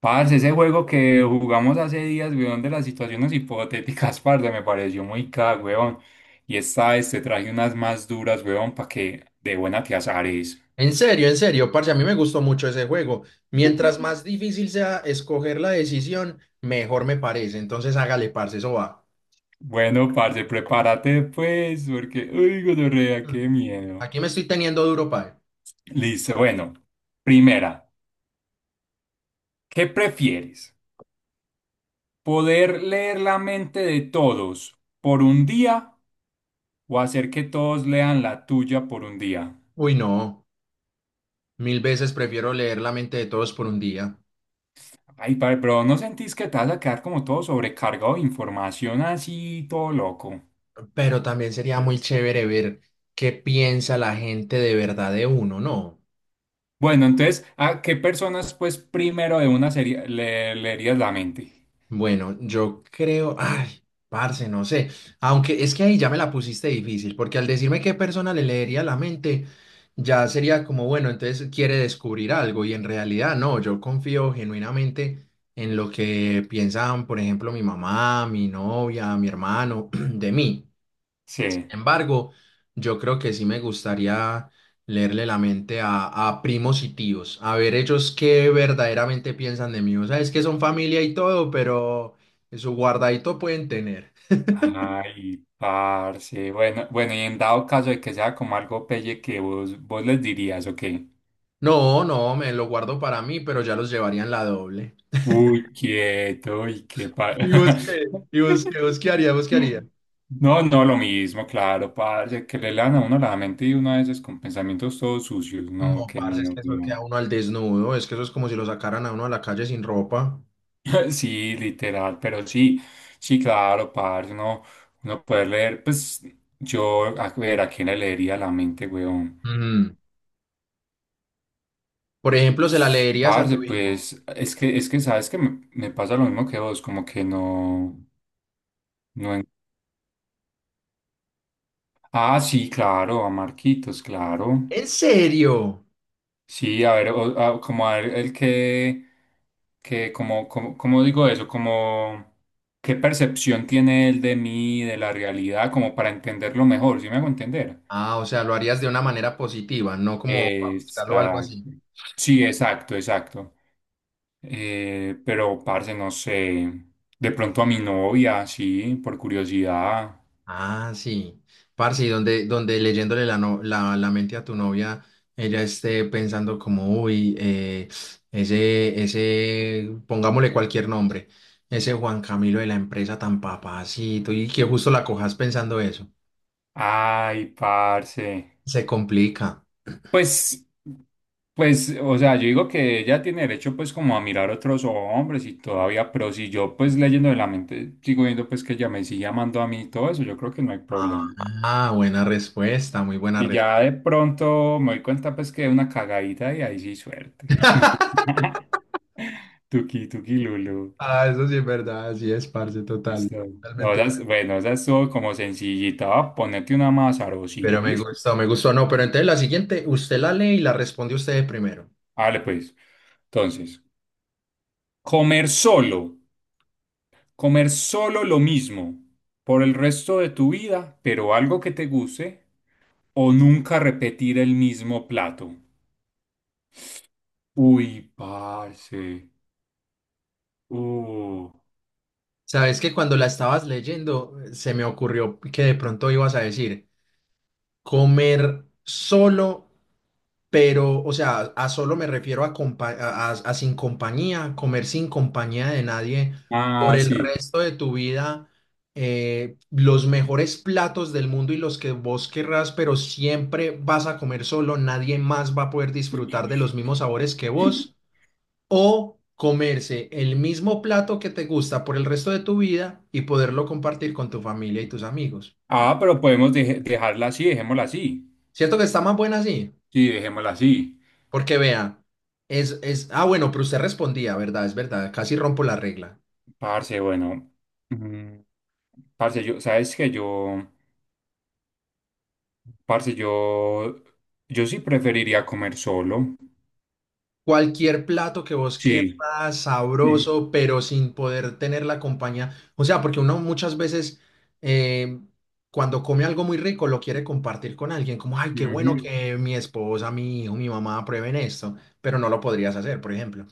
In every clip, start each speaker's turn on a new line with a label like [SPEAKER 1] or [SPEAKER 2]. [SPEAKER 1] Parce, ese juego que jugamos hace días, weón, de las situaciones hipotéticas, parce, me pareció muy caga, weón. Y esta vez te traje unas más duras, weón, para que de buena te azares.
[SPEAKER 2] En serio, parce, a mí me gustó mucho ese juego. Mientras más difícil sea escoger la decisión, mejor me parece. Entonces hágale, parce, eso va.
[SPEAKER 1] Bueno, parce, prepárate pues, porque, uy, gonorrea,
[SPEAKER 2] Mm.
[SPEAKER 1] qué miedo.
[SPEAKER 2] Aquí me estoy teniendo duro, padre.
[SPEAKER 1] Listo, bueno. Primera, ¿qué prefieres? ¿Poder leer la mente de todos por un día o hacer que todos lean la tuya por un día?
[SPEAKER 2] Uy, no, mil veces prefiero leer la mente de todos por un día.
[SPEAKER 1] Ay, padre, pero ¿no sentís que te vas a quedar como todo sobrecargado de información así, todo loco?
[SPEAKER 2] Pero también sería muy chévere ver qué piensa la gente de verdad de uno, ¿no?
[SPEAKER 1] Bueno, entonces, ¿a qué personas, pues, primero de una serie le leerías la mente?
[SPEAKER 2] Bueno, yo creo, ay, parce, no sé, aunque es que ahí ya me la pusiste difícil, porque al decirme qué persona le leería la mente, ya sería como, bueno, entonces quiere descubrir algo y en realidad no, yo confío genuinamente en lo que piensan, por ejemplo, mi mamá, mi novia, mi hermano, de mí
[SPEAKER 1] Sí.
[SPEAKER 2] embargo, yo creo que sí me gustaría leerle la mente a primos y tíos, a ver ellos qué verdaderamente piensan de mí. O sea, es que son familia y todo, pero su guardadito pueden tener.
[SPEAKER 1] Ay, parce. Bueno, bueno, y en dado caso de que sea como algo pelle que vos, vos les dirías, ¿o qué?
[SPEAKER 2] No, no, me lo guardo para mí, pero ya los llevarían la doble.
[SPEAKER 1] Uy, quieto, y qué pa...
[SPEAKER 2] ¿Y vos qué? ¿Y vos qué? ¿Vos qué haría? ¿Vos qué haría?
[SPEAKER 1] No, no, lo mismo, claro, parce, que le lean a uno la mente y uno a veces con pensamientos todos sucios, no,
[SPEAKER 2] No,
[SPEAKER 1] qué
[SPEAKER 2] parce, es
[SPEAKER 1] miedo,
[SPEAKER 2] que eso
[SPEAKER 1] no.
[SPEAKER 2] queda uno al desnudo, es que eso es como si lo sacaran a uno a la calle sin ropa.
[SPEAKER 1] Sí, literal, pero sí, sí, claro, parce, uno, uno poder leer, pues, yo, a ver, ¿a quién le leería la mente, weón?
[SPEAKER 2] Mm. Por ejemplo, se la leerías a
[SPEAKER 1] Parce,
[SPEAKER 2] tu hijo.
[SPEAKER 1] pues, es que, ¿sabes que me pasa lo mismo que vos, como que no, no... Ah, sí, claro, a Marquitos, claro.
[SPEAKER 2] ¿En serio?
[SPEAKER 1] Sí, a ver, como a ver el que como, como, ¿cómo digo eso? Como, ¿qué percepción tiene él de mí, de la realidad, como para entenderlo mejor? ¿Sí me hago entender?
[SPEAKER 2] Ah, o sea, lo harías de una manera positiva, no como para buscarlo o algo
[SPEAKER 1] Exacto.
[SPEAKER 2] así.
[SPEAKER 1] Sí, exacto, exacto. Pero, parce, no sé. De pronto a mi novia, sí, por curiosidad.
[SPEAKER 2] Ah, sí. Parce, y donde leyéndole la, la mente a tu novia, ella esté pensando como, uy, ese, pongámosle cualquier nombre, ese Juan Camilo de la empresa tan papacito, y que justo la cojas pensando eso.
[SPEAKER 1] Ay, parce.
[SPEAKER 2] Se complica.
[SPEAKER 1] Pues, pues, o sea, yo digo que ella tiene derecho pues como a mirar otros hombres y todavía, pero si yo pues leyendo de la mente sigo viendo pues que ella me sigue amando a mí y todo eso, yo creo que no hay
[SPEAKER 2] Ah,
[SPEAKER 1] problema.
[SPEAKER 2] ah, buena respuesta, muy buena
[SPEAKER 1] Y
[SPEAKER 2] respuesta.
[SPEAKER 1] ya de pronto me doy cuenta pues que es una cagadita y ahí sí suerte. Tuki, tuki, Lulu.
[SPEAKER 2] Ah, eso sí es verdad, así es, parce, total.
[SPEAKER 1] Listo. No,
[SPEAKER 2] Totalmente.
[SPEAKER 1] esas, bueno, esa estuvo como sencillita. Va a ponerte una más
[SPEAKER 2] Pero
[SPEAKER 1] sabrosita,
[SPEAKER 2] me
[SPEAKER 1] ¿listo?
[SPEAKER 2] gustó, me gustó. No, pero entonces la siguiente, usted la lee y la responde usted primero.
[SPEAKER 1] Vale, pues. Entonces, comer solo. Comer solo lo mismo por el resto de tu vida, pero algo que te guste, o nunca repetir el mismo plato. Uy, parce. Uh.
[SPEAKER 2] Sabes que cuando la estabas leyendo, se me ocurrió que de pronto ibas a decir comer solo, pero, o sea, a solo me refiero a sin compañía, comer sin compañía de nadie por
[SPEAKER 1] Ah,
[SPEAKER 2] el
[SPEAKER 1] sí.
[SPEAKER 2] resto de tu vida. Los mejores platos del mundo y los que vos querrás, pero siempre vas a comer solo, nadie más va a poder disfrutar de los mismos sabores que vos. O comerse el mismo plato que te gusta por el resto de tu vida y poderlo compartir con tu familia y tus amigos.
[SPEAKER 1] Ah, pero podemos dejarla así, dejémosla así.
[SPEAKER 2] ¿Cierto que está más buena así?
[SPEAKER 1] Sí, dejémosla así.
[SPEAKER 2] Porque vea, bueno, pero usted respondía, ¿verdad? Es verdad, casi rompo la regla.
[SPEAKER 1] Parce, bueno. mm, Parce, yo, sabes que yo, parce, yo sí preferiría comer solo.
[SPEAKER 2] Cualquier plato que vos quieras,
[SPEAKER 1] Sí. Mm.
[SPEAKER 2] sabroso, pero sin poder tener la compañía. O sea, porque uno muchas veces, eh, cuando come algo muy rico, lo quiere compartir con alguien, como, ay, qué bueno
[SPEAKER 1] Ujú.
[SPEAKER 2] que mi esposa, mi hijo, mi mamá prueben esto, pero no lo podrías hacer, por ejemplo.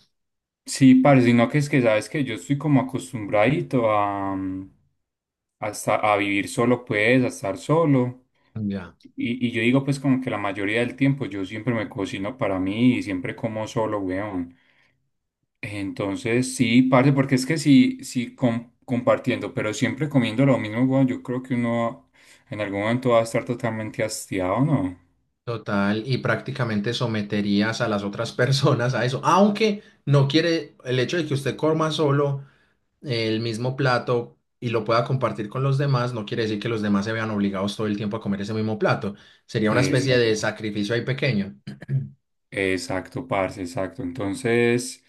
[SPEAKER 1] Sí, parce, sino que es que sabes que yo estoy como acostumbradito a, a, a vivir solo, pues, a estar solo.
[SPEAKER 2] Ya,
[SPEAKER 1] Y yo digo, pues, como que la mayoría del tiempo yo siempre me cocino para mí y siempre como solo, weón. Entonces, sí, parce, porque es que sí, sí, compartiendo, pero siempre comiendo lo mismo, weón, yo creo que uno en algún momento va a estar totalmente hastiado, ¿no?
[SPEAKER 2] total, y prácticamente someterías a las otras personas a eso, aunque no quiere el hecho de que usted coma solo el mismo plato y lo pueda compartir con los demás, no quiere decir que los demás se vean obligados todo el tiempo a comer ese mismo plato. Sería una especie, sí, de
[SPEAKER 1] Exacto.
[SPEAKER 2] sacrificio ahí pequeño.
[SPEAKER 1] Exacto, parce, exacto. Entonces,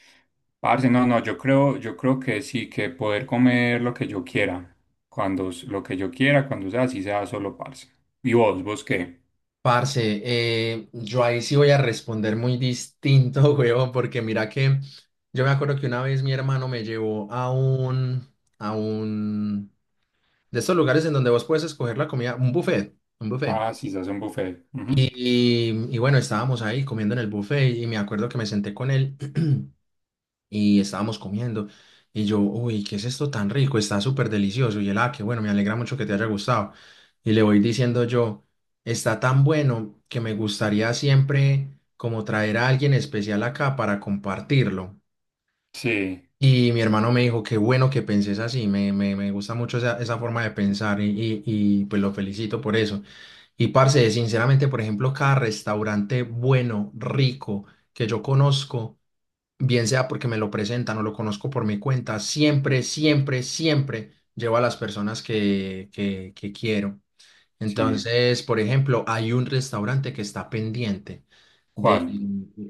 [SPEAKER 1] parce, no, no, yo creo que sí, que poder comer lo que yo quiera, cuando lo que yo quiera, cuando sea, así sea solo, parce. ¿Y vos, vos qué?
[SPEAKER 2] Parce, yo ahí sí voy a responder muy distinto, huevón, porque mira que yo me acuerdo que una vez mi hermano me llevó a un, de estos lugares en donde vos puedes escoger la comida, un buffet, un buffet.
[SPEAKER 1] Ah, sí, se hace un buffet. Ujú.
[SPEAKER 2] Y bueno, estábamos ahí comiendo en el buffet y me acuerdo que me senté con él y estábamos comiendo. Y yo, uy, ¿qué es esto tan rico? Está súper delicioso. Y él, ah, qué bueno, me alegra mucho que te haya gustado. Y le voy diciendo yo, está tan bueno que me gustaría siempre como traer a alguien especial acá para compartirlo.
[SPEAKER 1] Sí,
[SPEAKER 2] Y mi hermano me dijo, qué bueno que penses así, me gusta mucho esa forma de pensar y pues lo felicito por eso. Y parce, sinceramente, por ejemplo, cada restaurante bueno, rico, que yo conozco, bien sea porque me lo presentan o lo conozco por mi cuenta, siempre, siempre, siempre llevo a las personas que quiero.
[SPEAKER 1] sí.
[SPEAKER 2] Entonces, por ejemplo, hay un restaurante que está pendiente de,
[SPEAKER 1] ¿Cuál?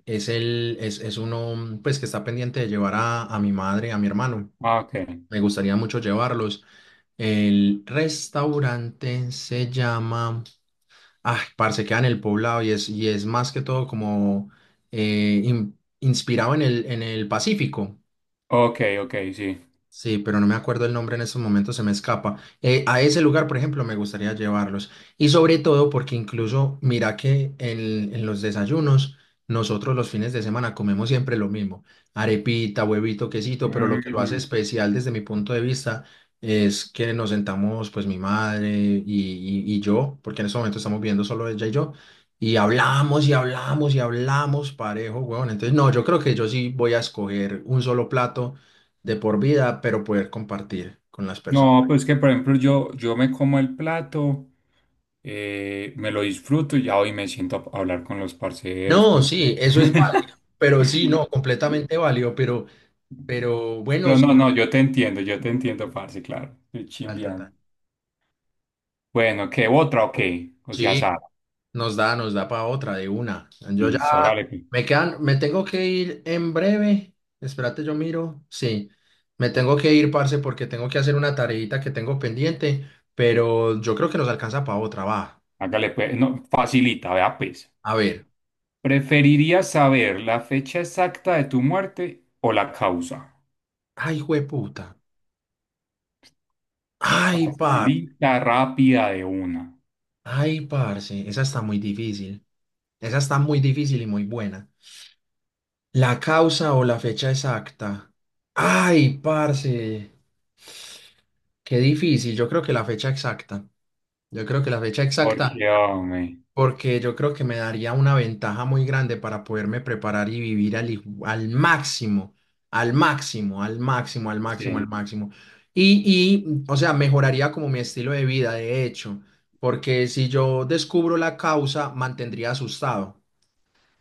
[SPEAKER 2] es el, es uno, pues, que está pendiente de llevar a, mi madre, a mi hermano.
[SPEAKER 1] Ah, ok.
[SPEAKER 2] Me gustaría mucho llevarlos. El restaurante se llama... Ah, parce, queda en el poblado y es, más que todo como inspirado en el Pacífico.
[SPEAKER 1] Ok, ok, sí.
[SPEAKER 2] Sí, pero no me acuerdo el nombre en estos momentos, se me escapa. A ese lugar, por ejemplo, me gustaría llevarlos. Y sobre todo porque incluso, mira que en los desayunos, nosotros los fines de semana comemos siempre lo mismo, arepita, huevito, quesito, pero lo, ujú, que lo hace
[SPEAKER 1] Ujú.
[SPEAKER 2] especial desde mi punto de vista es que nos sentamos, pues mi madre y yo, porque en este momento estamos viendo solo ella y yo, y hablamos y hablamos y hablamos parejo, huevón. Entonces, no, yo creo que yo sí voy a escoger un solo plato de por vida, pero poder compartir con las personas.
[SPEAKER 1] No, pues que por ejemplo yo, yo me como el plato, me lo disfruto y ya hoy me siento a hablar con los parceros,
[SPEAKER 2] No,
[SPEAKER 1] con
[SPEAKER 2] sí, eso es
[SPEAKER 1] la...
[SPEAKER 2] válido, pero sí, no, completamente válido, pero, pero bueno,
[SPEAKER 1] Pero
[SPEAKER 2] sí,
[SPEAKER 1] no, no, yo te entiendo, parce, claro. Estoy
[SPEAKER 2] total, total.
[SPEAKER 1] chimbeando. Bueno, ¿qué otra o qué? O sea,
[SPEAKER 2] Sí,
[SPEAKER 1] Sara.
[SPEAKER 2] nos da para otra de una. Yo ya
[SPEAKER 1] Listo, hágale pues.
[SPEAKER 2] me quedan, me tengo que ir en breve. Espérate, yo miro. Sí, me tengo que ir, parce, porque tengo que hacer una tareita que tengo pendiente, pero yo creo que nos alcanza para otra, va.
[SPEAKER 1] Hágale pues. No, facilita, vea pues.
[SPEAKER 2] A ver.
[SPEAKER 1] ¿Preferirías saber la fecha exacta de tu muerte o la causa?
[SPEAKER 2] Ay, jueputa. Ay, par.
[SPEAKER 1] Facilita, rápida de una.
[SPEAKER 2] Ay, parce. Esa está muy difícil. Esa está muy difícil y muy buena. La causa o la fecha exacta. Ay, parce. Qué difícil. Yo creo que la fecha exacta. Yo creo que la fecha exacta,
[SPEAKER 1] Porque, hombre,
[SPEAKER 2] porque yo creo que me daría una ventaja muy grande para poderme preparar y vivir al máximo, al máximo, al máximo, al máximo, al
[SPEAKER 1] sí.
[SPEAKER 2] máximo. Y, y, o sea, mejoraría como mi estilo de vida, de hecho, porque si yo descubro la causa, mantendría asustado.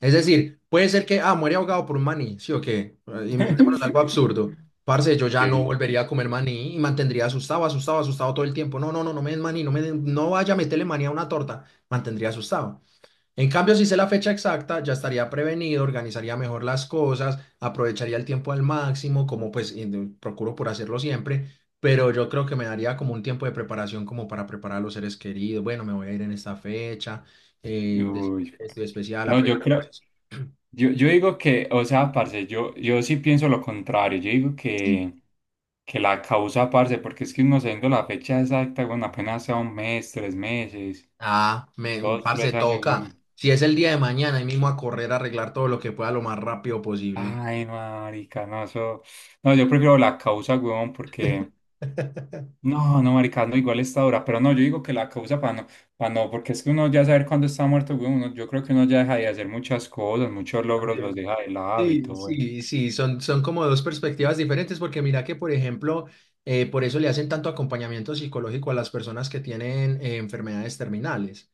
[SPEAKER 2] Es decir, puede ser que, ah, muere ahogado por un maní, sí o qué, inventémonos algo absurdo. Parce, yo ya no
[SPEAKER 1] Sí.
[SPEAKER 2] volvería a comer maní y mantendría asustado, asustado, asustado todo el tiempo. No, no, no, no me den maní, no vaya a meterle maní a una torta, mantendría asustado. En cambio, si sé la fecha exacta, ya estaría prevenido, organizaría mejor las cosas, aprovecharía el tiempo al máximo, como pues procuro por hacerlo siempre, pero yo creo que me daría como un tiempo de preparación como para preparar a los seres queridos. Bueno, me voy a ir en esta fecha, eh, de-
[SPEAKER 1] Uy,
[SPEAKER 2] estoy especial,
[SPEAKER 1] no, yo
[SPEAKER 2] aprovechar
[SPEAKER 1] creo.
[SPEAKER 2] cosas.
[SPEAKER 1] Yo digo que, o sea, parce, yo sí pienso lo contrario. Yo digo que la causa, parce, porque es que uno sabiendo la fecha exacta, bueno, apenas sea 1 mes, 3 meses,
[SPEAKER 2] Ah, me,
[SPEAKER 1] dos,
[SPEAKER 2] parce,
[SPEAKER 1] tres años,
[SPEAKER 2] toca.
[SPEAKER 1] bueno.
[SPEAKER 2] Si es el día de mañana, ahí mismo a correr, a arreglar todo lo que pueda lo más rápido posible.
[SPEAKER 1] Ay, no, marica, no, eso. No, yo prefiero la causa, weón, porque. No, no, marica, no, igual esta hora. Pero no, yo digo que la causa para no, porque es que uno ya saber cuándo está muerto, weón, uno- yo creo que uno ya deja de hacer muchas cosas, muchos logros los
[SPEAKER 2] También.
[SPEAKER 1] deja de lado y
[SPEAKER 2] Sí,
[SPEAKER 1] todo eso.
[SPEAKER 2] sí, sí, son como dos perspectivas diferentes porque mira que, por ejemplo, por eso le hacen tanto acompañamiento psicológico a las personas que tienen enfermedades terminales.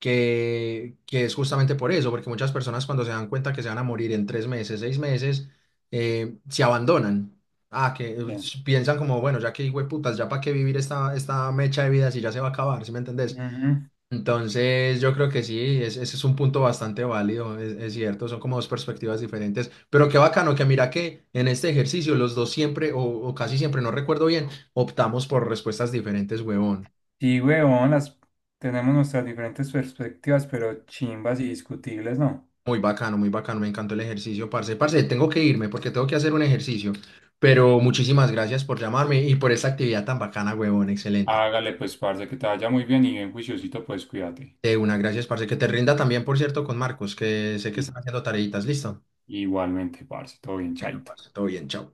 [SPEAKER 2] Que es justamente por eso, porque muchas personas cuando se dan cuenta que se van a morir en 3 meses, 6 meses, se abandonan. Ah, que
[SPEAKER 1] Ya.
[SPEAKER 2] piensan como, bueno, ya que putas, ya para qué vivir esta mecha de vida si ya se va a acabar, ¿sí me entendés?
[SPEAKER 1] Ujú.
[SPEAKER 2] Entonces, yo creo que sí, ese es un punto bastante válido, es cierto, son como dos perspectivas diferentes, pero qué bacano que mira que en este ejercicio los dos siempre, o casi siempre, no recuerdo bien, optamos por respuestas diferentes, huevón.
[SPEAKER 1] Sí, huevón, las tenemos nuestras diferentes perspectivas, pero chimbas y discutibles, ¿no?
[SPEAKER 2] Muy bacano, me encantó el ejercicio, parce. Parce, tengo que irme porque tengo que hacer un ejercicio, pero muchísimas gracias por llamarme y por esta actividad tan bacana, huevón, excelente.
[SPEAKER 1] Hágale, pues, parce, que te vaya muy bien y bien juiciosito, pues, cuídate.
[SPEAKER 2] De una, gracias, parce. Que te rinda también, por cierto, con Marcos, que sé que
[SPEAKER 1] Y-
[SPEAKER 2] están haciendo tareitas. Listo.
[SPEAKER 1] igualmente, parce, todo bien, chaito.
[SPEAKER 2] Parce, todo bien, chao.